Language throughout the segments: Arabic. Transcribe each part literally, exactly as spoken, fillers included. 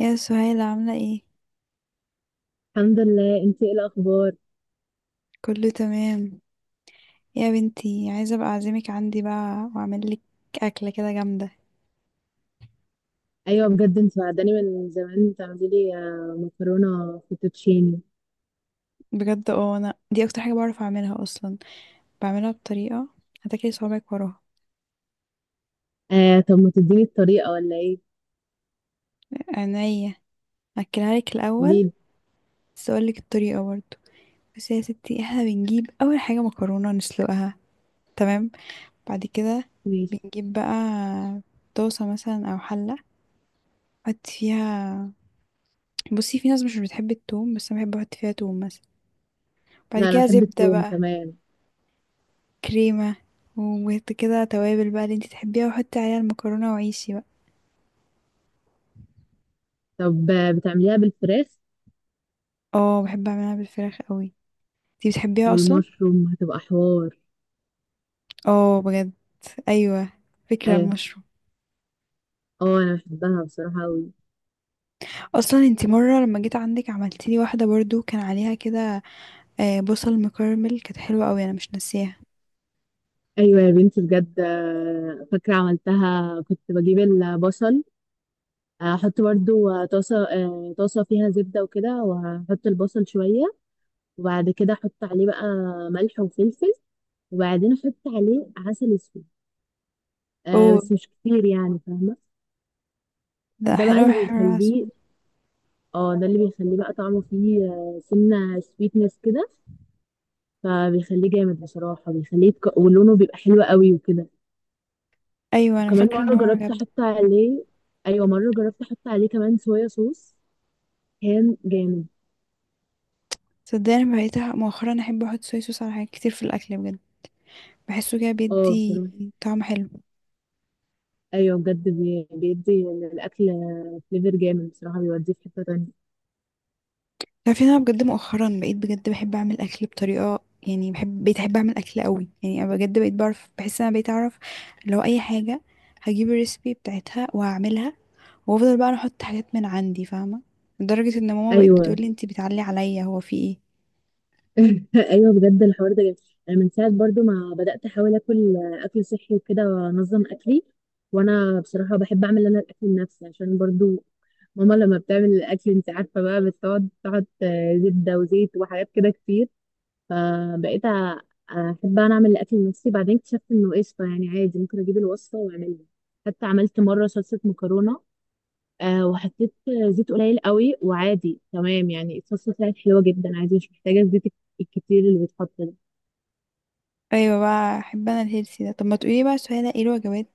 يا سهيلة عاملة ايه؟ الحمد لله. انتي ايه الاخبار؟ كله تمام. يا بنتي عايزة ابقى اعزمك عندي بقى واعمل لك اكلة كده جامدة. ايوه بجد، انت بعداني من زمان تعملي لي آه، مكرونه فوتوتشيني. بجد، اه انا دي اكتر حاجة بعرف اعملها اصلا. بعملها بطريقة هتاكلي صوابعك وراها. آه طب ما تديني الطريقه ولا ايه؟ عينيا، اكلها لك الاول، قوليلي. بس اقول لك الطريقة برضه. بس يا ستي، احنا بنجيب اول حاجة مكرونة نسلقها، تمام؟ بعد كده ماشي. بنجيب بقى طاسة مثلا او حلة، نحط فيها. بصي، في ناس مش بتحب التوم بس انا بحب احط فيها توم مثلا. بعد لا انا كده بحب زبدة التوم. بقى، تمام. كريمة، وكده توابل بقى اللي انتي تحبيها، وحطي عليها المكرونة وعيشي بقى. طب آه، بتعمليها بالفراخ اه، بحب اعملها بالفراخ قوي، انتي بتحبيها اصلا. والمشروم هتبقى حوار؟ اه بجد، ايوه، فكرة اه. المشروم. اه انا بحبها بصراحه قوي. اصلا انتي مرة لما جيت عندك عملتيلي واحدة برضو كان عليها كده آه، بصل مكرمل، كانت حلوة قوي، انا مش ناسيها. ايوه يا بنتي بجد، آه، فاكره عملتها كنت بجيب البصل، آه، احط برضو آه، طاسه، آه، طاسه فيها زبده وكده واحط البصل شويه، وبعد كده احط عليه بقى ملح وفلفل، وبعدين احط عليه عسل اسود. آه اوه، بس مش كتير يعني، فاهمه. ده ده بقى حلو، اللي حلو، عسل. بيخليه. اه، ده اللي بيخليه بقى طعمه فيه آه، سنه سويتنس كده. فبيخليه جامد بصراحه، بيخليه يتك... ولونه بيبقى حلو قوي وكده. ايوه انا وكمان فاكرة ان مره هو جربت عجبني. احط عليه. ايوه، مره جربت احط عليه كمان صويا صوص. كان جامد. صدقني بقيت مؤخرا احب احط صويا صوص على حاجات كتير في الاكل، بجد بحسه كده اه بيدي بصراحه. طعم حلو. ايوه بجد، بي- بيدي للاكل. فليفر جامد بصراحه، بيوديه في حته تانية. تعرفي إن انا بجد مؤخرا بقيت بجد بحب اعمل اكل بطريقه، يعني بحب بقيت احب اعمل اكل قوي، يعني انا بجد بقيت بعرف بحس ان انا بقيت اعرف. لو اي حاجه هجيب الريسبي بتاعتها وهعملها، وافضل بقى أنا احط حاجات من عندي، فاهمه. لدرجه ان ماما بقت بتقول ايوه. لي: انتي بتعلي عليا، هو في ايه؟ ايوه بجد الحوار ده جميل. انا من ساعه برضو ما بدات احاول اكل اكل صحي وكده وانظم اكلي. وانا بصراحه بحب اعمل انا الاكل لنفسي، عشان برضو ماما لما بتعمل الاكل انت عارفه بقى بتقعد تحط زبده وزيت وحاجات كده كتير. فبقيت أ- احب انا اعمل الاكل لنفسي. بعدين اكتشفت انه قشطه يعني عادي ممكن اجيب الوصفه واعملها. حتى عملت مره صلصه مكرونه، آه وحطيت زيت قليل قوي، وعادي تمام يعني الصلصه طلعت حلوه جدا عادي، مش محتاجه الزيت الك- الكتير اللي بيتحط ده. ايوه بقى، احب انا الهيلثي ده. طب ما تقولي بقى سهيلة، ايه الوجبات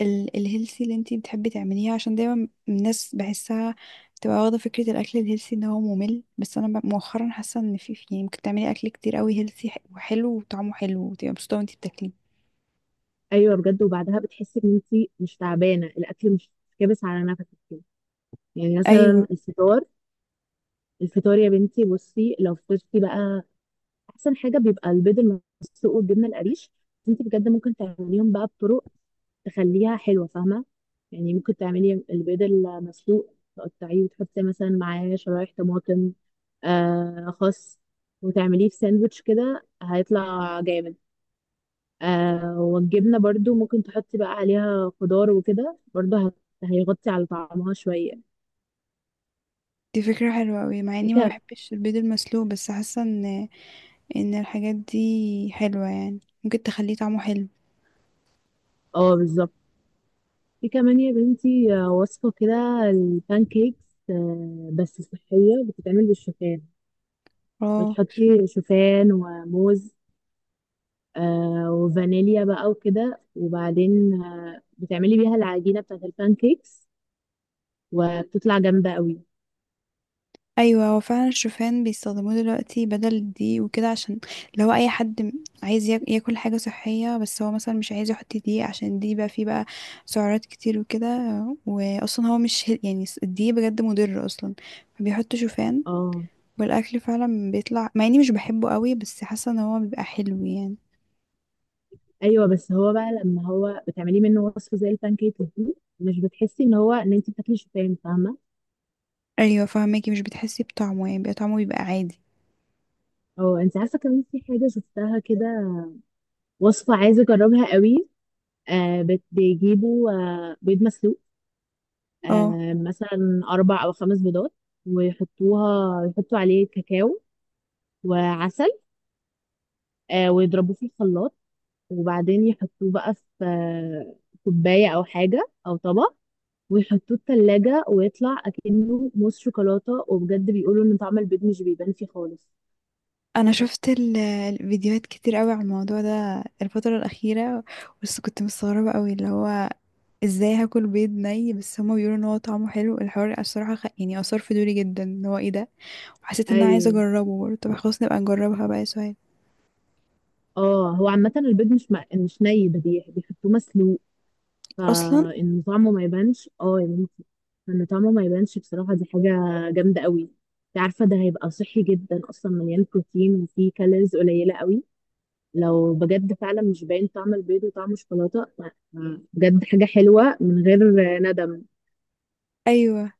ال- الهيلثي اللي انتي بتحبي تعمليها؟ عشان دايما الناس بحسها بتبقى واخدة فكرة الأكل الهيلثي ان هو ممل، بس أنا ب- مؤخرا حاسة ان في في- يعني ممكن تعملي أكل كتير قوي هيلثي وحلو وطعمه حلو، وتبقى مبسوطة وانتي بتاكليه. ايوه بجد، وبعدها بتحسي ان انت مش تعبانه، الاكل مش كابس على نفسك كده. يعني مثلا أيوة، الفطار الفطار يا بنتي بصي لو فطرتي بقى احسن حاجه بيبقى البيض المسلوق والجبنه القريش. انت بجد ممكن تعمليهم بقى بطرق تخليها حلوه، فاهمه؟ يعني ممكن تعملي البيض المسلوق تقطعيه وتحطي مثلا معاه شرايح طماطم، آه خس، وتعمليه في ساندوتش كده هيطلع جامد. آه والجبنه برضو ممكن تحطي بقى عليها خضار وكده برضو هت- هيغطي على طعمها شويه. دي فكرة حلوة قوي، مع اني ما هيك. بحبش البيض المسلوق، بس حاسة ان ان الحاجات دي حلوة، يعني ممكن تخليه طعمه حلو. اه بالظبط. في كمان يا بنتي، آه، وصفة كده البان كيكس، آه، بس صحية بتتعمل بالشوفان. اه، بتحطي شوفان وموز، آه، وفانيليا بقى وكده، وبعدين آه، بتعملي بيها العجينة بتاعت البان كيكس وبتطلع جامدة قوي. ايوه هو فعلا الشوفان بيستخدموه دلوقتي بدل الدقيق وكده، عشان لو اي حد م- عايز ياك- ياكل حاجه صحيه، بس هو مثلا مش عايز يحط دقيق، عشان الدقيق بقى فيه بقى سعرات كتير وكده، واصلا هو مش هيل- يعني س- الدقيق بجد مضر اصلا، فبيحط شوفان. اه. والاكل فعلا بيطلع، مع اني مش بحبه قوي، بس حاسه ان هو بيبقى حلو يعني. ايوه بس هو بقى لما هو بتعمليه منه وصفة زي البان كيك دي، مش بتحسي ان هو ان انت بتاكلي شوفان، فاهمة؟ ايوه فهماكي، مش بتحسي بطعمه، يعني بيبقى طعمه بيبقى عادي. او انت عارفة كمان في حاجة شفتها كده، وصفة عايزة اجربها قوي. آه بت- بيجيبوا آه بيض مسلوق، اه، آه، مثلا أربع أو خمس بيضات، ويحطوها يحطوا عليه كاكاو وعسل، آه، ويضربوه في الخلاط، وبعدين يحطوه بقى في آه، كوباية أو حاجة أو طبق، ويحطوه التلاجة ويطلع أكنه موس شوكولاتة، وبجد بيقولوا إن طعم البيض مش بيبان فيه خالص. انا شفت ال- الفيديوهات كتير قوي على الموضوع ده الفتره الاخيره، بس كنت مستغربة قوي اللي هو ازاي هاكل بيض ني، بس هما بيقولوا ان هو طعمه حلو. الحوار الصراحه خ... يعني اثار فضولي جدا، ان هو ايه ده. وحسيت ان انا عايزه أيوه. اجربه برضه. طب خلاص، نبقى نجربها بقى يا سهيل. اه هو عامة البيض مش م... مش ني، ده بي- بيحطوه مسلوق اصلا، فإن طعمه ما يبانش، اه يا بنتي إن طعمه ما يبانش، بصراحة دي حاجة جامدة قوي. انت عارفة ده هيبقى صحي جدا أصلا، مليان بروتين وفيه كالوريز قليلة قوي. لو بجد فعلا مش باين طعم البيض وطعم الشوكولاتة ف- بجد حاجة حلوة من غير ندم. ايوه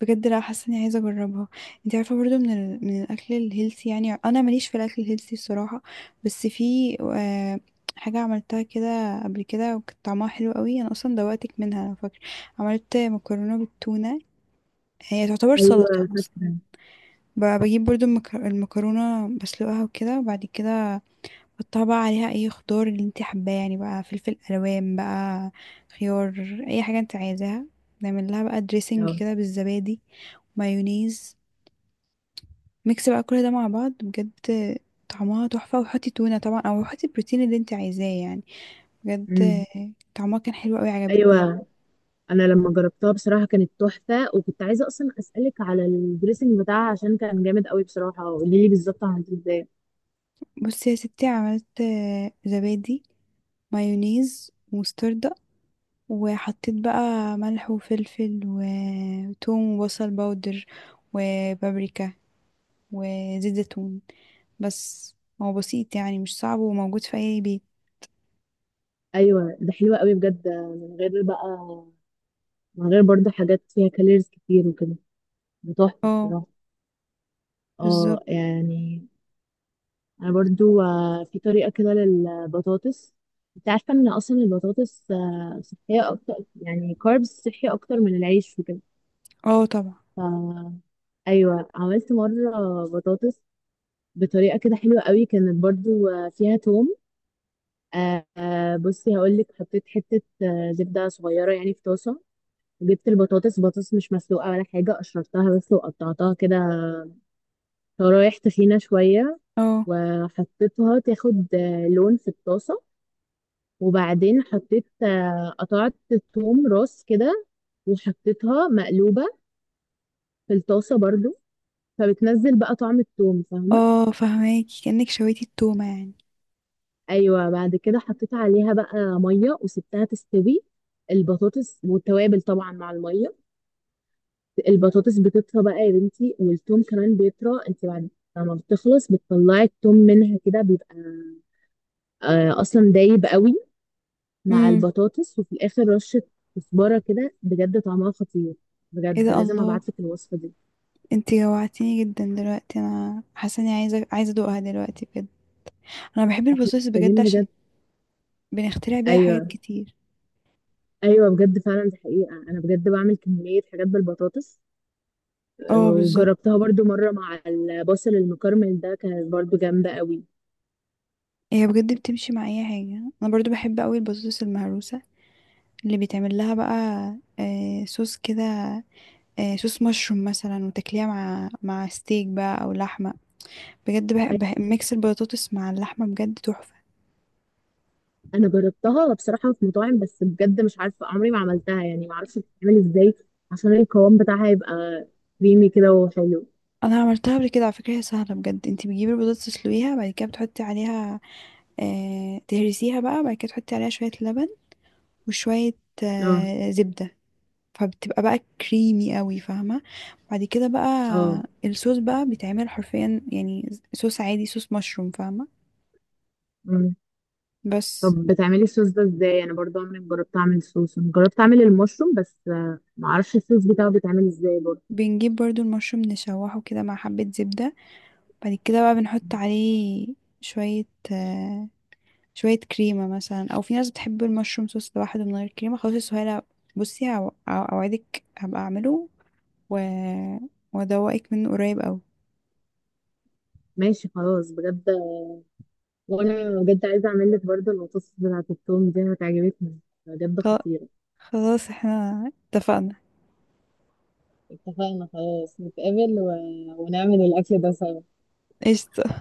بجد، لا، حاسه اني عايزه اجربها. انت عارفه برضه من ال... من الاكل الهيلثي، يعني انا ماليش في الاكل الهيلثي الصراحه، بس في آه... حاجه عملتها كده قبل كده، وكانت طعمها حلو قوي، انا اصلا دوقتك منها انا فاكره. عملت مكرونه بالتونه، هي تعتبر سلطه أيوة اصلا. ب- بجيب برضو المك- المكرونة بسلقها وكده، وبعد كده احطها بقى عليها اي خضار اللي انت حباه، يعني بقى فلفل الوان بقى، خيار، اي حاجة انت عايزاها. نعمل لها بقى دريسنج اه. كده بالزبادي، مايونيز، ميكس بقى كل ده مع بعض، بجد طعمها تحفة، وحطي تونة طبعا، او حطي البروتين اللي انت عايزاه يعني. بجد أمم. طعمها كان حلو قوي، عجبتني يعني. أيوة. أنا لما جربتها بصراحة كانت تحفة، وكنت عايزة أصلا أسألك على الدريسنج بتاعها عشان كان جامد قوي بصراحة. قولي لي بالظبط عملتيه ازاي؟ بصي يا ستي، عملت زبادي، مايونيز، مستردة، وحطيت بقى ملح وفلفل وتوم وبصل باودر، وبابريكا، وزيت زيتون، بس. هو بسيط يعني، مش صعب وموجود في اي بيت. أيوة ده حلوة قوي بجد، من غير بقى من غير برضو حاجات فيها كالوريز كتير وكده. بتحفة اه بصراحة. اه بالظبط. يعني. انا برضو آه، في طريقة كده للبطاطس. انت عارفة ان اصلا البطاطس آه، صحية اكتر، يعني كاربس صحي اكتر من العيش وكده. اه طبعا. ف ايوه عملت مرة بطاطس بطريقة كده حلوة قوي كانت برضو آه، فيها توم. آه، آه، بصي هقولك حطيت حتة آه، زبدة صغيرة يعني في طاسة، وجبت البطاطس، بطاطس مش مسلوقة ولا حاجة، قشرتها بس وقطعتها كده شرايح تخينة شوية، اه، وحطيتها تاخد آه، لون في الطاسة، وبعدين حطيت آه، قطعت توم راس كده وحطيتها مقلوبة في الطاسة برضو. فبتنزل بقى طعم التوم، فاهمة؟ اه فهماكي، كأنك شويتي التومة يعني. أيوة بعد كده حطيت عليها بقى مية وسبتها تستوي، البطاطس والتوابل طبعا مع المية. البطاطس بتطرى بقى يا بنتي، والتوم كمان بيطرى. انت بعد لما بتخلص بتطلعي التوم منها كده بيبقى آه، أصلا دايب قوي مع امم البطاطس، وفي الاخر رشه كزبره كده. بجد طعمها خطير، ايه بجد ده، لازم الله! ابعتلك الوصفه دي. انتي جوعتيني جدا دلوقتي، انا حاسه اني عايزه عايزه ادوقها دلوقتي بجد. انا بحب احنا البطاطس بجد، محتاجين عشان بجد. بنخترع بيها حاجات ايوه. كتير. ايوه بجد فعلا، دي حقيقه انا بجد بعمل كميه حاجات بالبطاطس. آه، اه بالظبط، وجربتها برضو مره مع البصل المكرمل ده، كانت برضو جامده قوي. هي بجد بتمشي مع اي حاجه. انا برضو بحب قوي البطاطس المهروسه اللي بيتعمل لها بقى آه، صوص كده، آه، صوص مشروم مثلا، وتاكليها مع مع ستيك بقى او لحمه. بجد بح... بح... ميكس البطاطس مع اللحمه بجد تحفه. انا جربتها بصراحه في مطاعم، بس بجد مش عارفه عمري ما عملتها، يعني ما اعرفش بتتعمل ازاي عشان القوام بتاعها يبقى كريمي كده وحلو. انا عملتها قبل كده على فكره، هي سهله بجد. انت بتجيبي البطاطس تسلقيها، بعد كده بتحطي عليها آه... تهرسيها بقى، بعد كده تحطي عليها شويه لبن وشويه اه. آه... زبده، فبتبقى بقى كريمي قوي، فاهمه. بعد كده بقى اه الصوص بقى بيتعمل حرفيا، يعني صوص عادي، صوص مشروم فاهمه، بس. طب بتعملي الصوص ده ازاي؟ انا برضو عمري ما جربت اعمل صوص، انا جربت اعمل المشروم بس، آه، ما اعرفش الصوص بتاعه بيتعمل ازاي برضو. بنجيب برضو المشروم نشوحه كده مع حبة زبدة، بعد كده بقى بنحط عليه شوية آه، شوية كريمة مثلا، أو في ناس بتحب المشروم صوص لوحده من غير كريمة. خلاص يا سهيلة، بصي، هو- أو- أوعدك هبقى أعمله و... وأدوقك منه قريب أوي. ماشي خلاص بجد، آه، وانا بجد عايزه اعمل لك برضو البطاطس بتاعه التوم دي هتعجبك، بجد خ- خطيره. خلاص، احنا اتفقنا. اتفقنا خلاص نتقابل و... ونعمل الاكل ده سوا. قشطة.